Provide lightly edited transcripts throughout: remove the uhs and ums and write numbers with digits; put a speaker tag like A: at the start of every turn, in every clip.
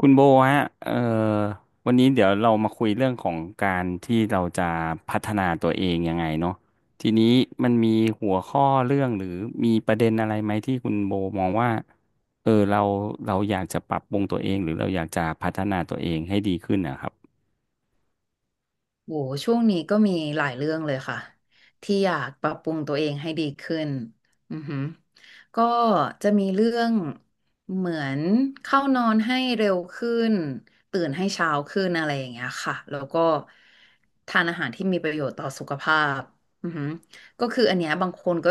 A: คุณโบฮะวันนี้เดี๋ยวเรามาคุยเรื่องของการที่เราจะพัฒนาตัวเองยังไงเนาะทีนี้มันมีหัวข้อเรื่องหรือมีประเด็นอะไรไหมที่คุณโบมองว่าเออเราเราอยากจะปรับปรุงตัวเองหรือเราอยากจะพัฒนาตัวเองให้ดีขึ้นนะครับ
B: โหช่วงนี้ก็มีหลายเรื่องเลยค่ะที่อยากปรับปรุงตัวเองให้ดีขึ้นอือหือก็จะมีเรื่องเหมือนเข้านอนให้เร็วขึ้นตื่นให้เช้าขึ้นอะไรอย่างเงี้ยค่ะแล้วก็ทานอาหารที่มีประโยชน์ต่อสุขภาพอือหือก็คืออันเนี้ยบางคนก็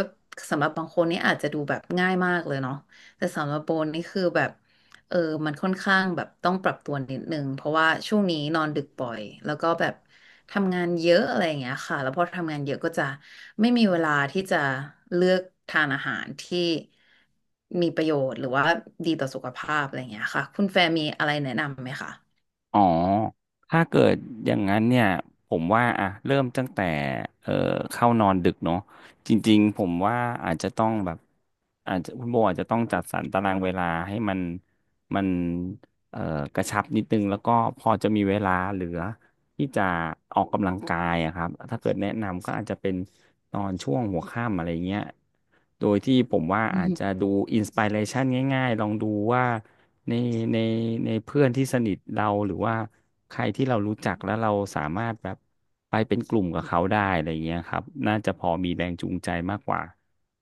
B: สำหรับบางคนนี่อาจจะดูแบบง่ายมากเลยเนาะแต่สำหรับโบนี่คือแบบ เออมันค่อนข้างแบบต้องปรับตัวนิดนึงเพราะว่าช่วงนี้นอนดึกบ่อย แล้วก็แบบทำงานเยอะอะไรอย่างเงี้ยค่ะ แล้วพอทำงานเยอะก็จะไม่มีเวลาที่จะเลือกทานอาหารที่มีประโยชน์หรือว่าดีต่อสุขภาพอะไรอย่างเงี้ยค่ะคุณแฟร์มีอะไรแนะนำไหมคะ
A: อ๋อ ถ้าเกิดอย่างนั้นเนี่ยผมว่าอ่ะเริ่มตั้งแต่เอ่อเข้านอนดึกเนาะจริงๆผมว่าอาจจะต้องแบบอาจจะคุณโบอาจจะต้องจัดสรรตารางเวลาให้มันเอ่อกระชับนิดนึงแล้วก็พอจะมีเวลาเหลือ ที่จะออกกำลังกายอะครับ ถ้าเกิดแนะนำก็อาจจะเป็นตอนช่วงหัวค่ำอะไรเงี้ย โดยที่ผมว่าอาจจะดูอินส i r เรชันง่ายๆ ลองดูว่าในในในเพื่อนที่สนิทเราหรือว่าใครที่เรารู้จักแล้วเราสามารถแบบไปเป็นกลุ่มกับเขาได้อะไรเงี้ยครับน่าจะพอมีแรงจูงใจมากกว่า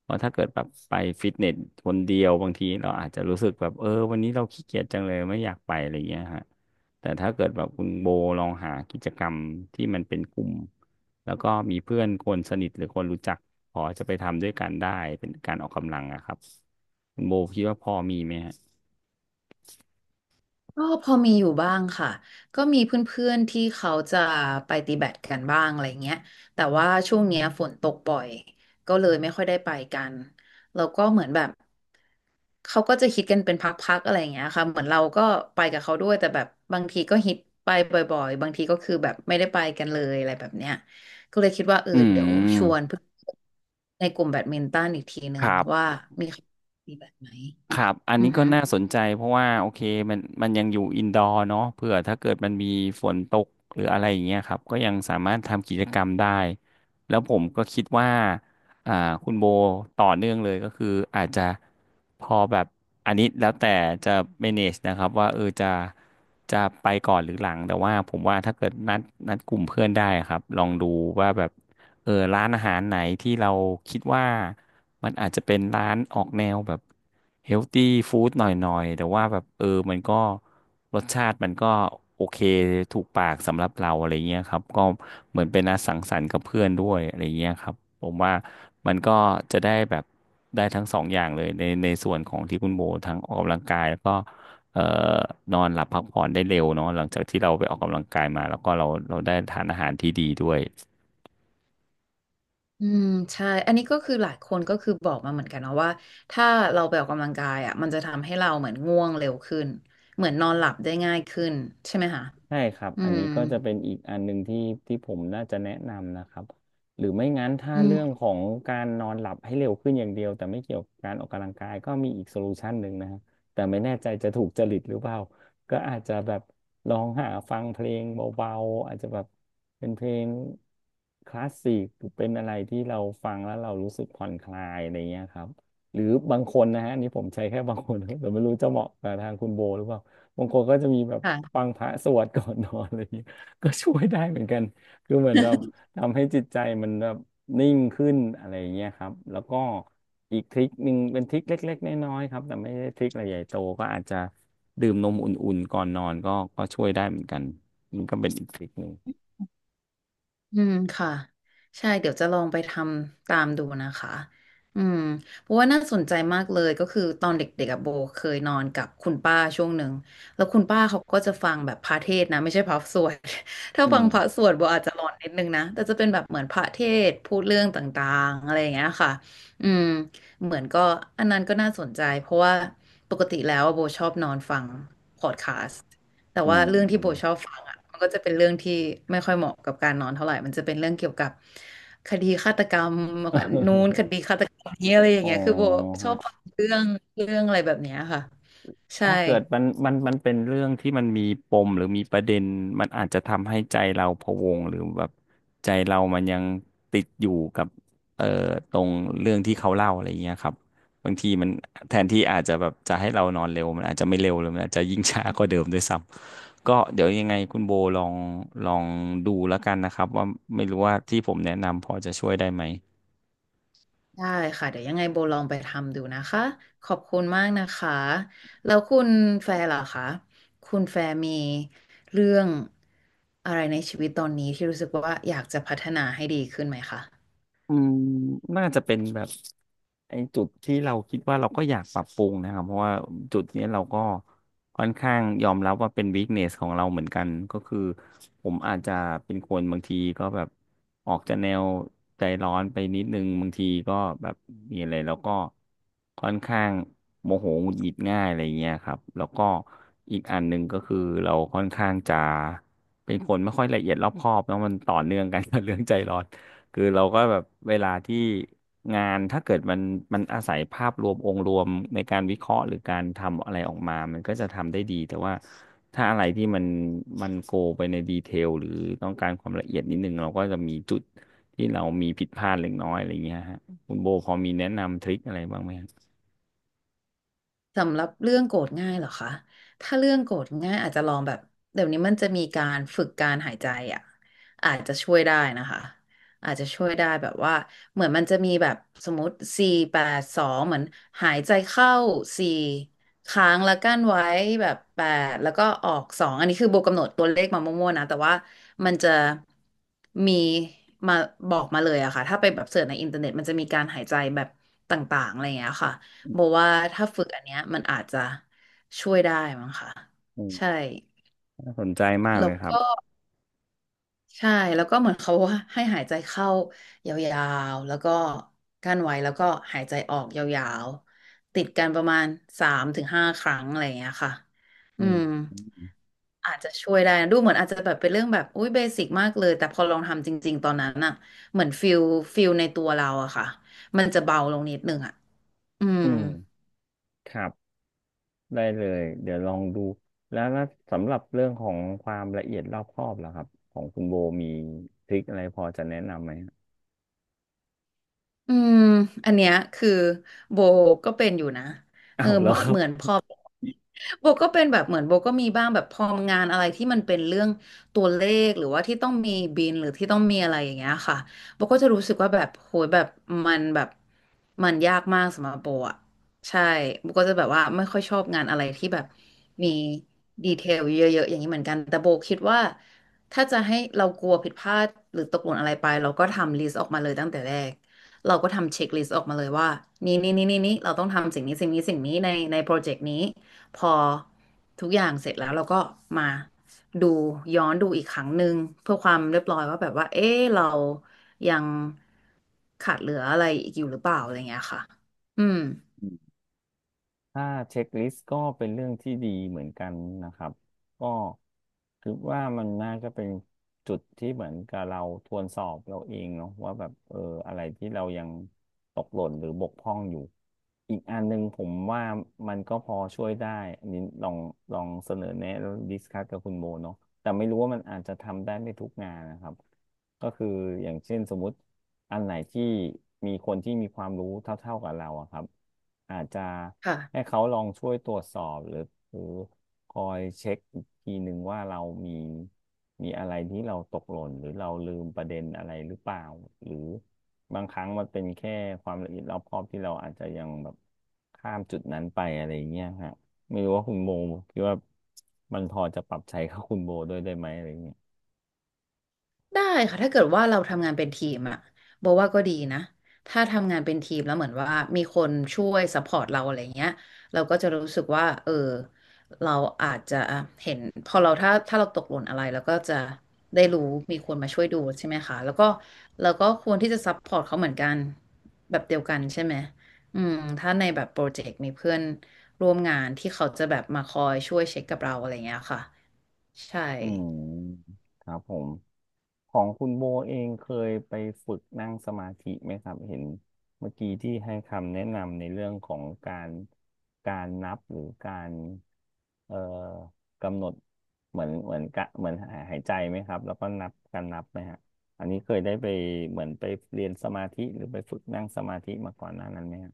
A: เพราะถ้าเกิดแบบไปฟิตเนสคนเดียวบางทีเราอาจจะรู้สึกแบบเออวันนี้เราขี้เกียจจังเลยไม่อยากไปอะไรเงี้ยฮะ แต่ถ้าเกิดแบบคุณโบลองหากิจกรรมที่มันเป็นกลุ่มแล้วก็มีเพื่อนคนสนิทหรือคนรู้จักพอจะไปทำด้วยกันได้เป็นการออกกำลังอะครับคุณโบคิดว่าพอมีไหมฮะ
B: ก็พอมีอยู่บ้างค่ะก็มีเพื่อนๆที่เขาจะไปตีแบดกันบ้างอะไรเงี้ยแต่ว่าช่วงเนี้ยฝนตกบ่อยก็เลยไม่ค่อยได้ไปกันแล้วก็เหมือนแบบเขาก็จะฮิตกันเป็นพักๆอะไรอย่างเงี้ยค่ะเหมือนเราก็ไปกับเขาด้วยแต่แบบบางทีก็ฮิตไปบ่อยๆบางทีก็คือแบบไม่ได้ไปกันเลยอะไรแบบเนี้ยก็เลยคิดว่า
A: อื
B: เดี๋ยวชวน
A: ม
B: เพื่อนในกลุ่มแบดมินตันอีกทีห
A: ค
B: นึ่ง
A: รั
B: ว่า
A: บ
B: มีใครตีแบดไหม
A: ครับ อัน
B: อือ
A: นี้ก็
B: ฮึ
A: น่าสนใจเพราะว่าโอเคมันยังอยู่อินดอร์เนาะเผื่อถ้าเกิดมันมีฝนตกหรืออะไรอย่างเงี้ยครับก็ยังสามารถทำกิจกรรมได้แล้วผมก็คิดว่าอ่าคุณโบต่อเนื่องเลยก็คืออาจจะพอแบบอันนี้แล้วแต่จะ manage นะครับว่าเออจะไปก่อนหรือหลังแต่ว่าผมว่าถ้าเกิดนัดกลุ่มเพื่อนได้ครับลองดูว่าแบบ เออร้านอาหารไหนที่เราคิดว่ามันอาจจะเป็นร้านออกแนวแบบเฮลตี้ฟู้ดหน่อยๆแต่ว่าแบบเออมันก็รสชาติมันก็โอเคถูกปากสำหรับเราอะไรเงี้ยครับก็เหมือนเป็นนัดสังสรรค์กับเพื่อนด้วยอะไรเงี้ยครับผมว่ามันก็จะได้แบบได้ทั้งสองอย่างเลยในส่วนของที่คุณโบทั้งออกกำลังกายแล้วก็เอ่อนอนหลับพักผ่อนได้เร็วเนาะหลังจากที่เราไปออกกำลังกายมาแล้วก็เราได้ทานอาหารที่ดีด้วย
B: อืมใช่อันนี้ก็คือหลายคนก็คือบอกมาเหมือนกันนะว่าถ้าเราไปออกกำลังกายอ่ะมันจะทำให้เราเหมือนง่วงเร็วขึ้นเหมือนนอนหลับได้ง่ายขึ้นใช่ไหมคะ
A: ใช่ครับ
B: อื
A: อัน
B: ม
A: นี้ก็จะเป็นอีกอันหนึ่งที่ผมน่าจะแนะนำนะครับหรือไม่งั้นถ้า
B: อื
A: เรื่อง
B: ม
A: ของการนอนหลับให้เร็วขึ้นอย่างเดียวแต่ไม่เกี่ยวกับการออกกำลังกายก็มีอีกโซลูชันหนึ่งนะฮะแต่ไม่แน่ใจจะถูกจริตหรือเปล่า ก็อาจจะแบบลองหาฟังเพลงเบาๆอาจจะแบบเป็นเพลงคลาสสิกหรือเป็นอะไรที่เราฟังแล้วเรารู้สึกผ่อนคลายอะไรเงี้ยครับหรือบางคนนะฮะอันนี่ผมใช้แค่บางคนนะแต่ไม่รู้จะเหมาะกับทางคุณโบหรือเปล่า บางคนก็จะมีแบบ
B: ค่ะ
A: ฟังพระสวดก่อนนอน อะไรอย่างเงี้ยก็ช่วยได้เหมือนกันคือเหมือนแบบทำให้จิตใจมันแบบนิ่งขึ้นอะไรอย่างเงี้ยครับแล้วก็อีกทริคหนึ่งเป็นทริคเล็กๆน้อยๆครับแต่ไม่ได้ทริคอะไรใหญ่โตก็อาจจะดื่มนมอุ่นๆก่อนนอนก็ช่วยได้เหมือนกันนี่ก็เป็นอีกทริคหนึ่ง
B: อืมค่ะใช่เดี๋ยวจะลองไปทำตามดูนะคะอืมเพราะว่าน่าสนใจมากเลยก็คือตอนเด็กๆอะโบเคยนอนกับคุณป้าช่วงหนึ่งแล้วคุณป้าเขาก็จะฟังแบบพระเทศน์นะไม่ใช่พระสวด ถ้า
A: อื
B: ฟั
A: ม
B: งพระสวดโบอาจจะหลอนนิดนึงนะแต่จะเป็นแบบเหมือนพระเทศน์พูดเรื่องต่างๆอะไรอย่างเงี้ยค่ะอืมเหมือนก็อันนั้นก็น่าสนใจเพราะว่าปกติแล้วอะโบชอบนอนฟังพอดคาสต์ แต่
A: อื
B: ว่าเรื่องที่โบชอ
A: ม
B: บฟังอ่ะมันก็จะเป็นเรื่องที่ไม่ค่อยเหมาะกับการนอนเท่าไหร่มันจะเป็นเรื่องเกี่ยวกับคดีฆาตกรรมนู้นคดี ฆาตกรรมนี้อะไรอย่า
A: อ๋
B: ง
A: อ
B: เงี้ยคือโบชอ
A: ฮะ
B: บฟังเรื่องเรื่องอะไรแบบเนี้ยค่ะใช่
A: ถ้าเกิดมันเป็นเรื่องที่มันมีปมหรือมีประเด็นมันอาจจะทำให้ใจเราพะวงหรือแบบใจเรามันยังติดอยู่กับเอ่อตรงเรื่องที่เขาเล่าอะไรอย่างเงี้ยครับบางทีมันแทนที่อาจจะแบบจะให้เรานอนเร็วมันอาจจะไม่เร็วเลยมันอาจจะยิ่งช้ากว่าเดิมด้วยซ้ำก็เดี๋ยวยังไงคุณโบลองดูแล้วกันนะครับว่าไม่รู้ว่าที่ผมแนะนำพอจะช่วยได้ไหม
B: ได้ค่ะเดี๋ยวยังไงโบลองไปทำดูนะคะขอบคุณมากนะคะแล้วคุณแฟร์ล่ะคะคุณแฟร์มีเรื่องอะไรในชีวิตตอนนี้ที่รู้สึกว่าอยากจะพัฒนาให้ดีขึ้นไหมคะ
A: อืมน่าจะเป็นแบบไอ้จุดที่เราคิดว่าเราก็อยากปรับปรุงนะครับเพราะว่าจุดเนี้ยเราก็ค่อนข้างยอมรับว่าเป็นวีคเนสของเราเหมือนกันก็คือผมอาจจะเป็นคนบางทีก็แบบออกจะแนวใจร้อนไปนิดนึงบางทีก็แบบมีอะไรแล้วก็ค่อนข้างโมโหหงุดหงิดง่ายอะไรเงี้ยครับแล้วก็อีกอันหนึ่งก็คือเราค่อนข้างจะเป็นคนไม่ค่อยละเอียดรอบคอบแล้วมันต่อเนื่องกันกับเรื่องใจร้อน คือเราก็แบบเวลาที่งานถ้าเกิดมันอาศัยภาพรวมองค์รวมในการวิเคราะห์หรือการทำอะไรออกมามันก็จะทำได้ดีแต่ว่าถ้าอะไรที่มันโกไปในดีเทลหรือต้องการความละเอียดนิดนึงเราก็จะมีจุดที่เรามีผิดพลาดเล็กน้อยอะไรอย่างเงี้ยฮะคุณโบพอมีแนะนำทริคอะไรบ้างไหมฮะ
B: สำหรับเรื่องโกรธง่ายเหรอคะถ้าเรื่องโกรธง่ายอาจจะลองแบบเดี๋ยวนี้มันจะมีการฝึกการหายใจอ่ะอาจจะช่วยได้นะคะอาจจะช่วยได้แบบว่าเหมือนมันจะมีแบบสมมติสี่แปดสองเหมือนหายใจเข้าสี่ค้างแล้วกั้นไว้แบบแปดแล้วก็ออกสองอันนี้คือโบกำหนดตัวเลขมามั่วๆนะแต่ว่ามันจะมีมาบอกมาเลยอะค่ะถ้าไปแบบเสิร์ชในอินเทอร์เน็ตมันจะมีการหายใจแบบต่างๆอะไรอย่างเงี้ยค่ะ
A: อื
B: โบ
A: ม
B: ว่าถ้าฝึกอันเนี้ยมันอาจจะช่วยได้มั้งค่ะ
A: อืม
B: ใช่
A: น่าสนใจมาก
B: แล้
A: เล
B: ว
A: ยครับ
B: ก็ใช่แล้วก็เหมือนเขาว่าให้หายใจเข้ายาวๆแล้วก็กั้นไว้แล้วก็หายใจออกยาวๆติดกันประมาณ3-5 ครั้งอะไรอย่างเงี้ยค่ะ
A: อื
B: อื
A: ม
B: ม
A: อืม
B: อาจจะช่วยได้นะดูเหมือนอาจจะแบบเป็นเรื่องแบบอุ้ยเบสิกมากเลยแต่พอลองทำจริงๆตอนนั้นอะเหมือนฟิลในตัวเราอะค่ะมันจะเบาลงนิดนึงอะอืม
A: อืมครับ ได้เลยเดี๋ยวลองดูแล้วสำหรับเรื่องของความละเอียดรอบคอบล่ะครับของคุณโบมีทริคอะไรพอจะแนะนำไหม
B: อืม อันเนี้ยคือโบก็เป็นอยู่นะ
A: อ้าวแล้วครั
B: เห
A: บ
B: มือนพอ โบก็เป็นแบบเหมือนโบก็มีบ้างแบบพองานอะไรที่มันเป็นเรื่องตัวเลขหรือว่าที่ต้องมีบินหรือที่ต้องมีอะไรอย่างเงี้ยค่ะโบก็จะรู้สึกว่าแบบโหยแบบมันแบบมันยากมากสำหรับโบอะใช่โบก็จะแบบว่าไม่ค่อยชอบงานอะไรที่แบบมีดีเทลเยอะๆอย่างนี้เหมือนกันแต่โบคิดว่าถ้าจะให้เรากลัวผิดพลาดหรือตกหล่นอะไรไปเราก็ทำลิสต์ออกมาเลยตั้งแต่แรกเราก็ทำเช็คลิสต์ออกมาเลยว่านี่นี่นี่นี่นี่เราต้องทำสิ่งนี้สิ่งนี้สิ่งนี้ในในโปรเจกต์นี้ พอทุกอย่างเสร็จแล้วเราก็มาดูย้อนดูอีกครั้งหนึ่งเพื่อความเรียบร้อยว่าแบบว่าเอ๊ะเรายังขาดเหลืออะไรอีกอยู่หรือเปล่าอะไรเงี้ยค่ะอืม
A: ถ้าเช็คลิสต์ก็เป็นเรื่องที่ดีเหมือนกันนะครับก็คิดว่ามันน่าจะเป็นจุดที่เหมือนกับเราทวนสอบเราเองเนาะว่าแบบเอออะไรที่เรายังตกหล่นหรือบกพร่องอยู่อีกอันหนึ่งผมว่ามันก็พอช่วยได้อันนี้ลองเสนอแนะแล้วดิสคัสกับคุณโมเนาะแต่ไม่รู้ว่ามันอาจจะทำได้ไม่ทุกงานนะครับก็คืออย่างเช่นสมมติ อันไหนที่มีคนที่มีความรู้เท่าๆกับเราอะครับอาจจะให้
B: ค่ะ
A: เขาลองช่วยตรวจสอบหรือคอยเช็คอีกทีหนึ่งว่าเรามีมีอะไรที่เราตกหล่นหรือเราลืมประเด็นอะไรหรือเปล่าหรือบางครั้งมันเป็นแค่ความละเอียดรอบคอบที่เราอาจจะยังแบบข้ามจุดนั้นไปอะไรอย่างเงี้ยฮะไม่รู้ว่าคุณโบคิดว่ามันพอจะปรับใช้กับคุณโบด้วยได้ไหมอะไรอย่างเงี้ย
B: ได้ค่ะถ้าเกิดว่าเราทำงานเป็นทีมอะบอกว่าก็ดีนะถ้าทำงานเป็นทีมแล้วเหมือนว่ามีคนช่วยซัพพอร์ตเราอะไรเงี้ยเราก็จะรู้สึกว่าเออเราอาจจะเห็นพอเราถ้าเราตกหล่นอะไรเราก็จะได้รู้มีคนมาช่วยดูใช่ไหมคะแล้วก็เราก็ควรที่จะซัพพอร์ตเขาเหมือนกันแบบเดียวกันใช่ไหมอืมถ้าในแบบโปรเจกต์มีเพื่อนร่วมงานที่เขาจะแบบมาคอยช่วยเช็คกับเราอะไรเงี้ยค่ะใช่
A: อืมครับผมของคุณโบเองเคยไปฝึกนั่งสมาธิไหมครับเห็นเมื่อกี้ที่ให้คำแนะนำในเรื่องของการการนับหรือการเอ่อกำหนดเหมือนเหมือนกะเหมือนหายหายใจไหมครับแล้วก็นับการนับไหมฮะอันนี้เคยได้ไปเหมือนไปเรียนสมาธิหรือไปฝึกนั่งสมาธิมาก่อนหน้านั้นไหมฮะ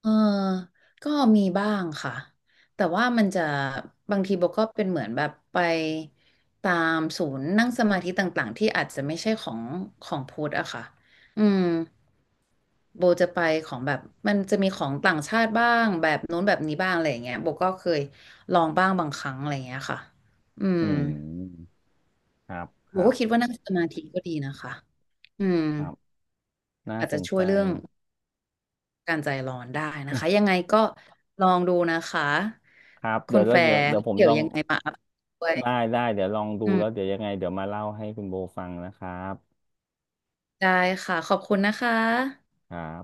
B: เออก็มีบ้างค่ะ แต่ว่ามันจะบางทีโบก็เป็นเหมือนแบบไปตามศูนย์นั่งสมาธิต่างๆที่อาจจะไม่ใช่ของของพุทธอะค่ะ อืมโบจะไปของแบบมันจะมีของต่างชาติบ้างแบบนู้นแบบนี้บ้างอะไรอย่างเงี้ยโบก็เคยลองบ้างบางครั้งอะไรอย่างเงี้ยค่ะอื
A: อื
B: ม
A: มครับค
B: โบ
A: รั
B: ก็คิด
A: บ
B: ว่านั่งสมาธิก็ดีนะคะอืม
A: ครับน่า
B: อาจ
A: ส
B: จะ
A: น
B: ช่ว
A: ใจ
B: ยเรื่อง การใจร้อนได้นะคะยังไงก็ลองดูนะคะ
A: ครับ
B: คุ
A: เดี๋ย
B: ณ
A: วแล้
B: แฟ
A: วเดี๋ยว
B: ร์
A: เดี๋ยวผม
B: เดี๋
A: ล
B: ยว
A: อง
B: ยังไงมาอัปเดตด้ว
A: ได้
B: ย
A: ได้เดี๋ยวลองดู
B: อืม
A: แล้วเดี๋ยวยังไงเดี๋ยวมาเล่าให้คุณโบฟังนะครับ
B: ได้ค่ะขอบคุณนะคะ
A: ครับ